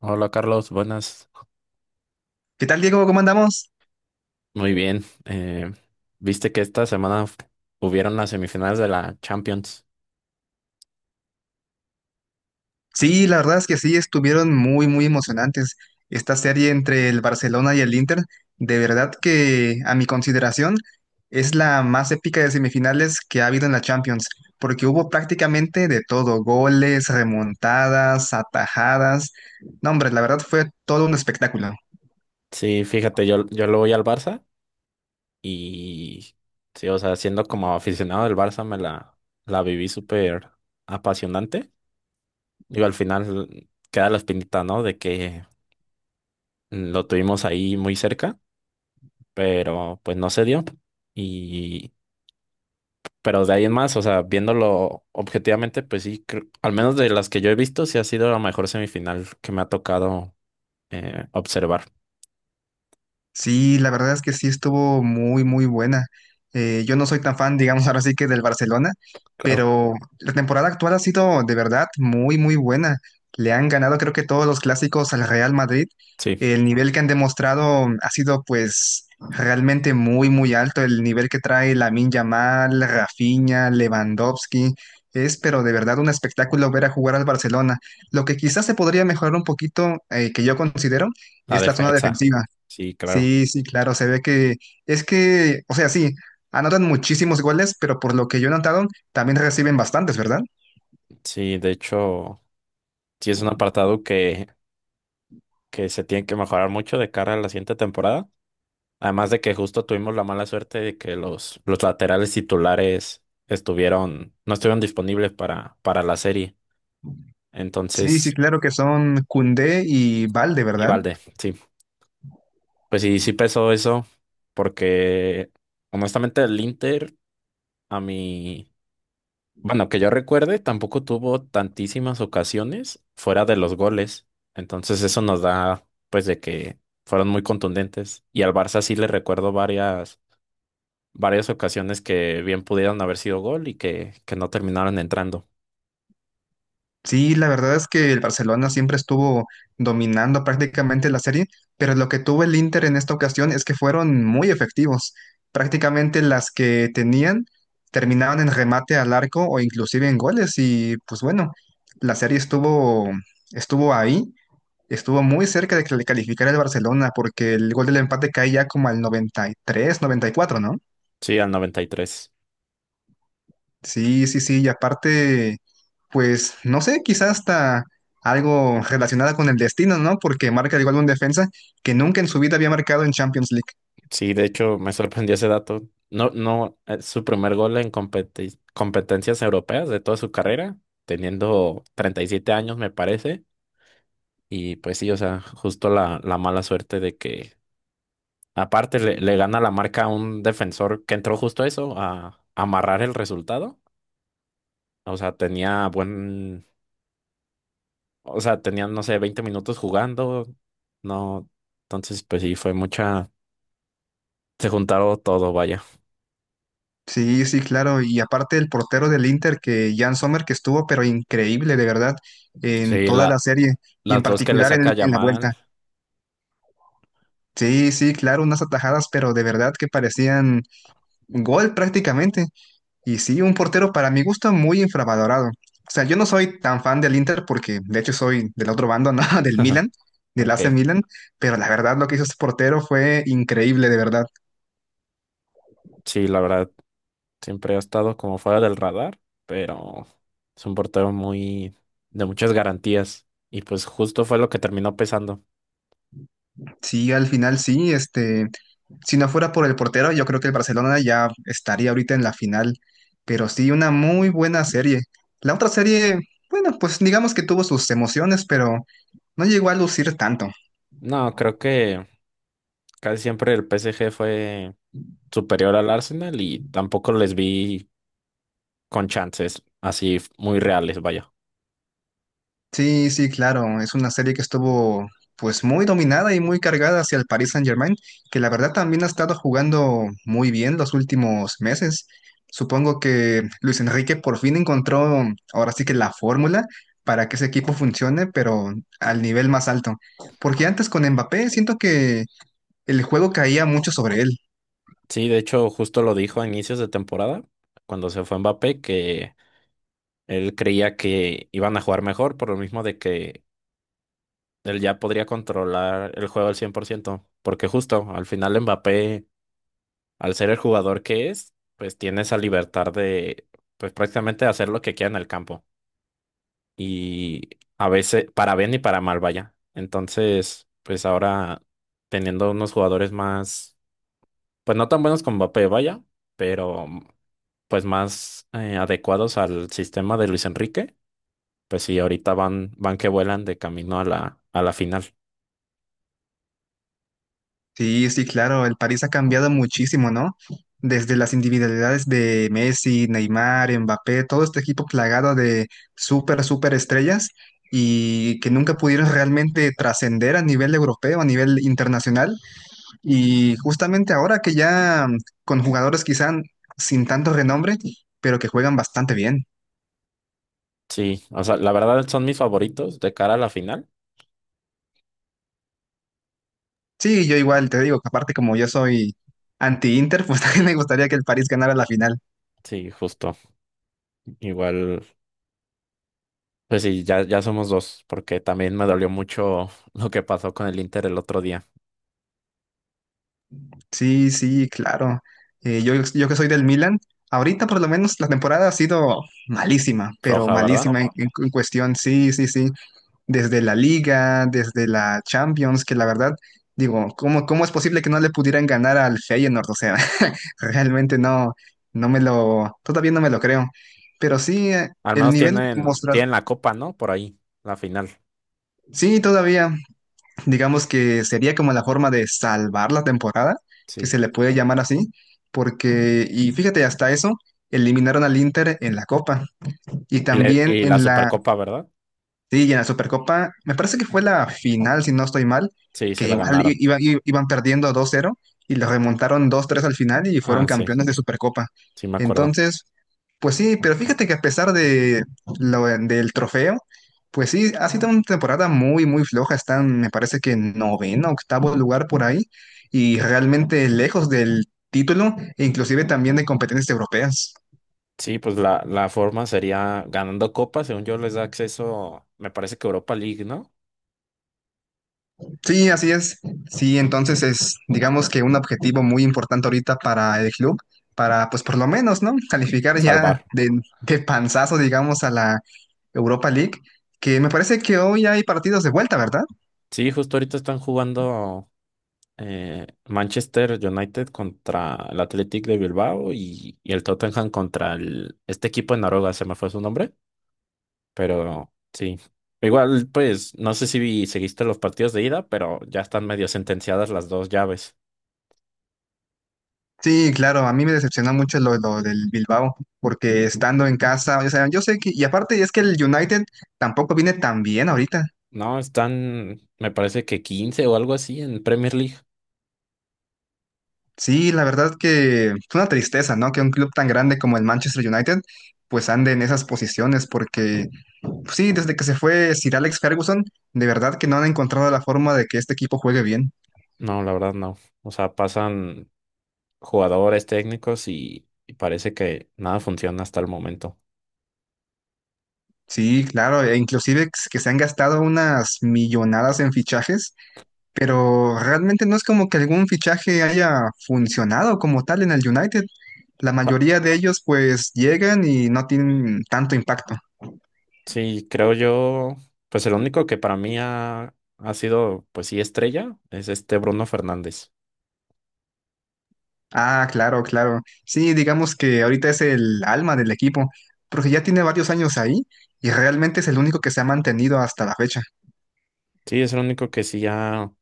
Hola Carlos, buenas. ¿Qué tal, Diego? ¿Cómo andamos? Muy bien. ¿Viste que esta semana hubieron las semifinales de la Champions? Sí, la verdad es que sí, estuvieron muy, muy emocionantes. Esta serie entre el Barcelona y el Inter, de verdad que a mi consideración es la más épica de semifinales que ha habido en la Champions, porque hubo prácticamente de todo, goles, remontadas, atajadas. No, hombre, la verdad fue todo un espectáculo. Sí, fíjate, yo le voy al Barça y sí, o sea, siendo como aficionado del Barça la viví súper apasionante. Digo, al final queda la espinita, ¿no? De que lo tuvimos ahí muy cerca, pero pues no se dio. Pero de ahí en más, o sea, viéndolo objetivamente, pues sí, al menos de las que yo he visto, sí ha sido la mejor semifinal que me ha tocado observar. Sí, la verdad es que sí estuvo muy, muy buena. Yo no soy tan fan, digamos, ahora sí que del Barcelona, Claro, pero la temporada actual ha sido de verdad muy, muy buena. Le han ganado creo que todos los clásicos al Real Madrid. sí, El nivel que han demostrado ha sido pues realmente muy, muy alto. El nivel que trae Lamine Yamal, Rafinha, Lewandowski. Es, pero de verdad un espectáculo ver a jugar al Barcelona. Lo que quizás se podría mejorar un poquito, que yo considero, la es la zona defensa. defensiva. Sí, claro. Sí, sí, claro, se ve que es que, o sea, sí, anotan muchísimos goles, pero por lo que yo he notado, también reciben bastantes, ¿verdad? Sí, de hecho, sí es un apartado que se tiene que mejorar mucho de cara a la siguiente temporada. Además de que justo tuvimos la mala suerte de que los laterales titulares no estuvieron disponibles para la serie. Sí, sí, Entonces, claro que son Koundé y Valde, y ¿verdad? Valde, sí. Pues sí, sí pesó eso, porque honestamente el Inter, a mí, bueno, que yo recuerde, tampoco tuvo tantísimas ocasiones fuera de los goles. Entonces eso nos da, pues, de que fueron muy contundentes. Y al Barça sí le recuerdo varias ocasiones que bien pudieron haber sido gol que no terminaron entrando. Sí, la verdad es que el Barcelona siempre estuvo dominando prácticamente la serie, pero lo que tuvo el Inter en esta ocasión es que fueron muy efectivos. Prácticamente las que tenían terminaban en remate al arco o inclusive en goles y pues bueno, la serie estuvo ahí. Estuvo muy cerca de que le calificara el Barcelona porque el gol del empate cae ya como al 93, 94, ¿no? Sí, al 93. Sí, sí, sí, y aparte, pues no sé, quizás hasta algo relacionado con el destino, ¿no? Porque marca igual un defensa que nunca en su vida había marcado en Champions League. Sí, de hecho me sorprendió ese dato. No, no, su primer gol en competencias europeas de toda su carrera, teniendo 37 años me parece. Y pues sí, o sea, justo la mala suerte de que aparte le gana la marca a un defensor que entró justo eso, a amarrar el resultado. O sea, o sea, tenían, no sé, 20 minutos jugando. No, entonces pues sí, se juntaron todo, vaya. Sí, sí, claro, y aparte el portero del Inter, que Jan Sommer, que estuvo pero increíble, de verdad, en Sí, toda la la, serie y en las dos que le particular saca en la Yamal. vuelta. Sí, sí, claro, unas atajadas, pero de verdad que parecían gol prácticamente. Y sí, un portero para mi gusto muy infravalorado. O sea, yo no soy tan fan del Inter porque de hecho soy del otro bando, ¿no? Del Ajá. Milan, del Ok, AC Milan, pero la verdad lo que hizo este portero fue increíble, de verdad. sí, la verdad, siempre ha estado como fuera del radar, pero es un portero muy de muchas garantías y pues justo fue lo que terminó pesando. Sí, al final sí, este, si no fuera por el portero, yo creo que el Barcelona ya estaría ahorita en la final, pero sí, una muy buena serie. La otra serie, bueno, pues digamos que tuvo sus emociones, pero no llegó a lucir tanto. No, creo que casi siempre el PSG fue superior al Arsenal y tampoco les vi con chances así muy reales, vaya. Sí, sí, claro. Es una serie que estuvo pues muy dominada y muy cargada hacia el Paris Saint-Germain, que la verdad también ha estado jugando muy bien los últimos meses. Supongo que Luis Enrique por fin encontró ahora sí que la fórmula para que ese equipo funcione, pero al nivel más alto. Porque antes con Mbappé siento que el juego caía mucho sobre él. Sí, de hecho, justo lo dijo a inicios de temporada, cuando se fue Mbappé, que él creía que iban a jugar mejor por lo mismo de que él ya podría controlar el juego al 100 por ciento, porque justo al final Mbappé, al ser el jugador que es, pues tiene esa libertad de, pues prácticamente hacer lo que quiera en el campo. Y a veces, para bien y para mal, vaya. Entonces, pues ahora teniendo unos jugadores más, pues no tan buenos como Mbappé, vaya, pero pues más adecuados al sistema de Luis Enrique, pues sí, ahorita van que vuelan de camino a a la final. Sí, sí, claro, el París ha cambiado muchísimo, ¿no? Desde las individualidades de Messi, Neymar, Mbappé, todo este equipo plagado de súper, súper estrellas y que nunca pudieron realmente trascender a nivel europeo, a nivel internacional. Y justamente ahora que ya con jugadores quizá sin tanto renombre, pero que juegan bastante bien. Sí, o sea, la verdad son mis favoritos de cara a la final. Sí, yo igual te digo que aparte como yo soy anti-Inter, pues también me gustaría que el París ganara la final. Sí, justo. Igual, pues sí, ya somos dos, porque también me dolió mucho lo que pasó con el Inter el otro día. Sí, sí, claro. Yo que soy del Milan, ahorita por lo menos la temporada ha sido malísima, pero Floja, ¿verdad? malísima en, en cuestión, sí, sí, sí. Desde la Liga, desde la Champions, que la verdad, digo, ¿cómo, cómo es posible que no le pudieran ganar al Feyenoord? O sea, realmente no, no me lo, todavía no me lo creo. Pero sí, Al el menos nivel mostrado, tienen la copa, ¿no? Por ahí, la final. sí, todavía, digamos que sería como la forma de salvar la temporada, que Sí. se le puede llamar así, porque, y fíjate, hasta eso, eliminaron al Inter en la Copa y Y, también y la en la, Supercopa, ¿verdad? sí, y en la Supercopa, me parece que fue la final, si no estoy mal, Sí, se que la igual ganaron. Iban perdiendo 2-0 y lo remontaron 2-3 al final y fueron Ah, sí, campeones de Supercopa. sí me acuerdo. Entonces, pues sí, pero fíjate que a pesar de lo, del trofeo, pues sí, ha sido una temporada muy, muy floja. Están, me parece que noveno, octavo lugar por ahí, y realmente lejos del título, e inclusive también de competencias europeas. Sí, pues la forma sería ganando copa, según yo les da acceso, me parece que Europa League, ¿no? Sí, así es. Sí, entonces es, digamos que un objetivo muy importante ahorita para el club, para, pues por lo menos, ¿no? Calificar ya Salvar. De panzazo, digamos, a la Europa League, que me parece que hoy hay partidos de vuelta, ¿verdad? Sí, justo ahorita están jugando. Manchester United contra el Athletic de Bilbao y el Tottenham contra el, este equipo de Noruega, se me fue su nombre, pero sí. Igual, pues, no sé si seguiste los partidos de ida, pero ya están medio sentenciadas las dos llaves. Sí, claro, a mí me decepciona mucho lo del Bilbao, porque estando en casa, o sea, yo sé que, y aparte es que el United tampoco viene tan bien ahorita. No, están, me parece que 15 o algo así en Premier League. Sí, la verdad que es una tristeza, ¿no? Que un club tan grande como el Manchester United, pues ande en esas posiciones, porque pues sí, desde que se fue Sir Alex Ferguson, de verdad que no han encontrado la forma de que este equipo juegue bien. No, la verdad no. O sea, pasan jugadores técnicos y parece que nada funciona hasta el momento. Sí, claro, e inclusive que se han gastado unas millonadas en fichajes, pero realmente no es como que algún fichaje haya funcionado como tal en el United. La mayoría de ellos pues llegan y no tienen tanto impacto. Sí, creo yo, pues el único que para mí ha sido, pues sí, estrella, es este Bruno Fernández. Ah, claro, claro. Sí, digamos que ahorita es el alma del equipo, porque ya tiene varios años ahí y realmente es el único que se ha mantenido hasta la fecha. Sí, es el único que sí ha,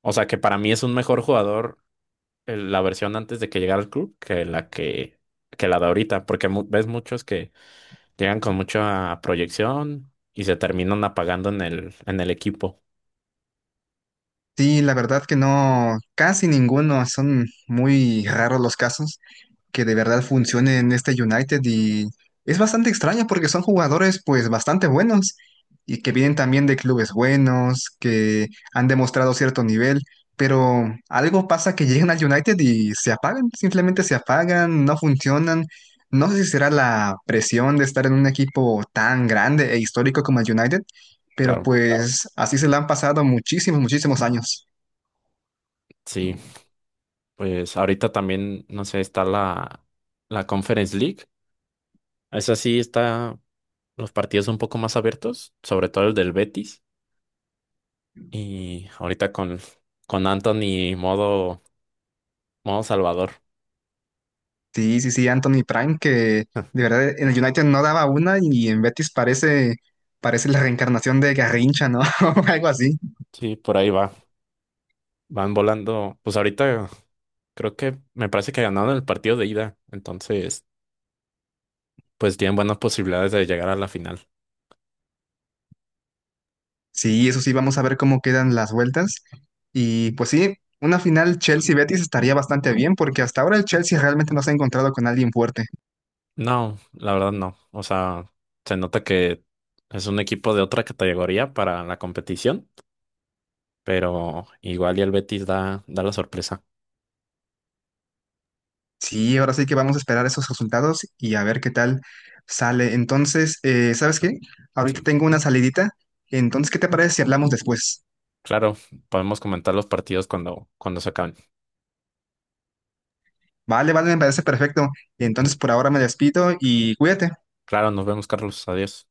o sea, que para mí es un mejor jugador la versión antes de que llegara al club que que la de ahorita, porque ves muchos que llegan con mucha proyección y se terminan apagando en en el equipo. Sí, la verdad que no, casi ninguno, son muy raros los casos que de verdad funcione en este United, y es bastante extraño porque son jugadores pues bastante buenos y que vienen también de clubes buenos, que han demostrado cierto nivel, pero algo pasa que llegan al United y se apagan, simplemente se apagan, no funcionan. No sé si será la presión de estar en un equipo tan grande e histórico como el United, pero Claro, pues así se la han pasado muchísimos, muchísimos años. sí, pues ahorita también, no sé, está la, la Conference League. Esa sí está. Los partidos un poco más abiertos, sobre todo el del Betis. Y ahorita con Anthony modo, modo Salvador. Sí, sí, sí, Anthony Prime, que de verdad en el United no daba una y en Betis parece, parece la reencarnación de Garrincha, ¿no? O algo así. Sí, por ahí va. Van volando. Pues ahorita creo que me parece que ganaron el partido de ida. Entonces, pues tienen buenas posibilidades de llegar a la final. Sí, eso sí, vamos a ver cómo quedan las vueltas. Y pues sí, una final Chelsea-Betis estaría bastante bien porque hasta ahora el Chelsea realmente no se ha encontrado con alguien fuerte. No, la verdad no. O sea, se nota que es un equipo de otra categoría para la competición, pero igual y el Betis da, da la sorpresa. Sí, ahora sí que vamos a esperar esos resultados y a ver qué tal sale. Entonces, ¿sabes qué? Ahorita Sí. tengo una salidita. Entonces, ¿qué te parece si hablamos después? Claro, podemos comentar los partidos cuando se acaben. Vale, vale, me parece perfecto. Entonces por ahora me despido y cuídate. Claro, nos vemos, Carlos. Adiós.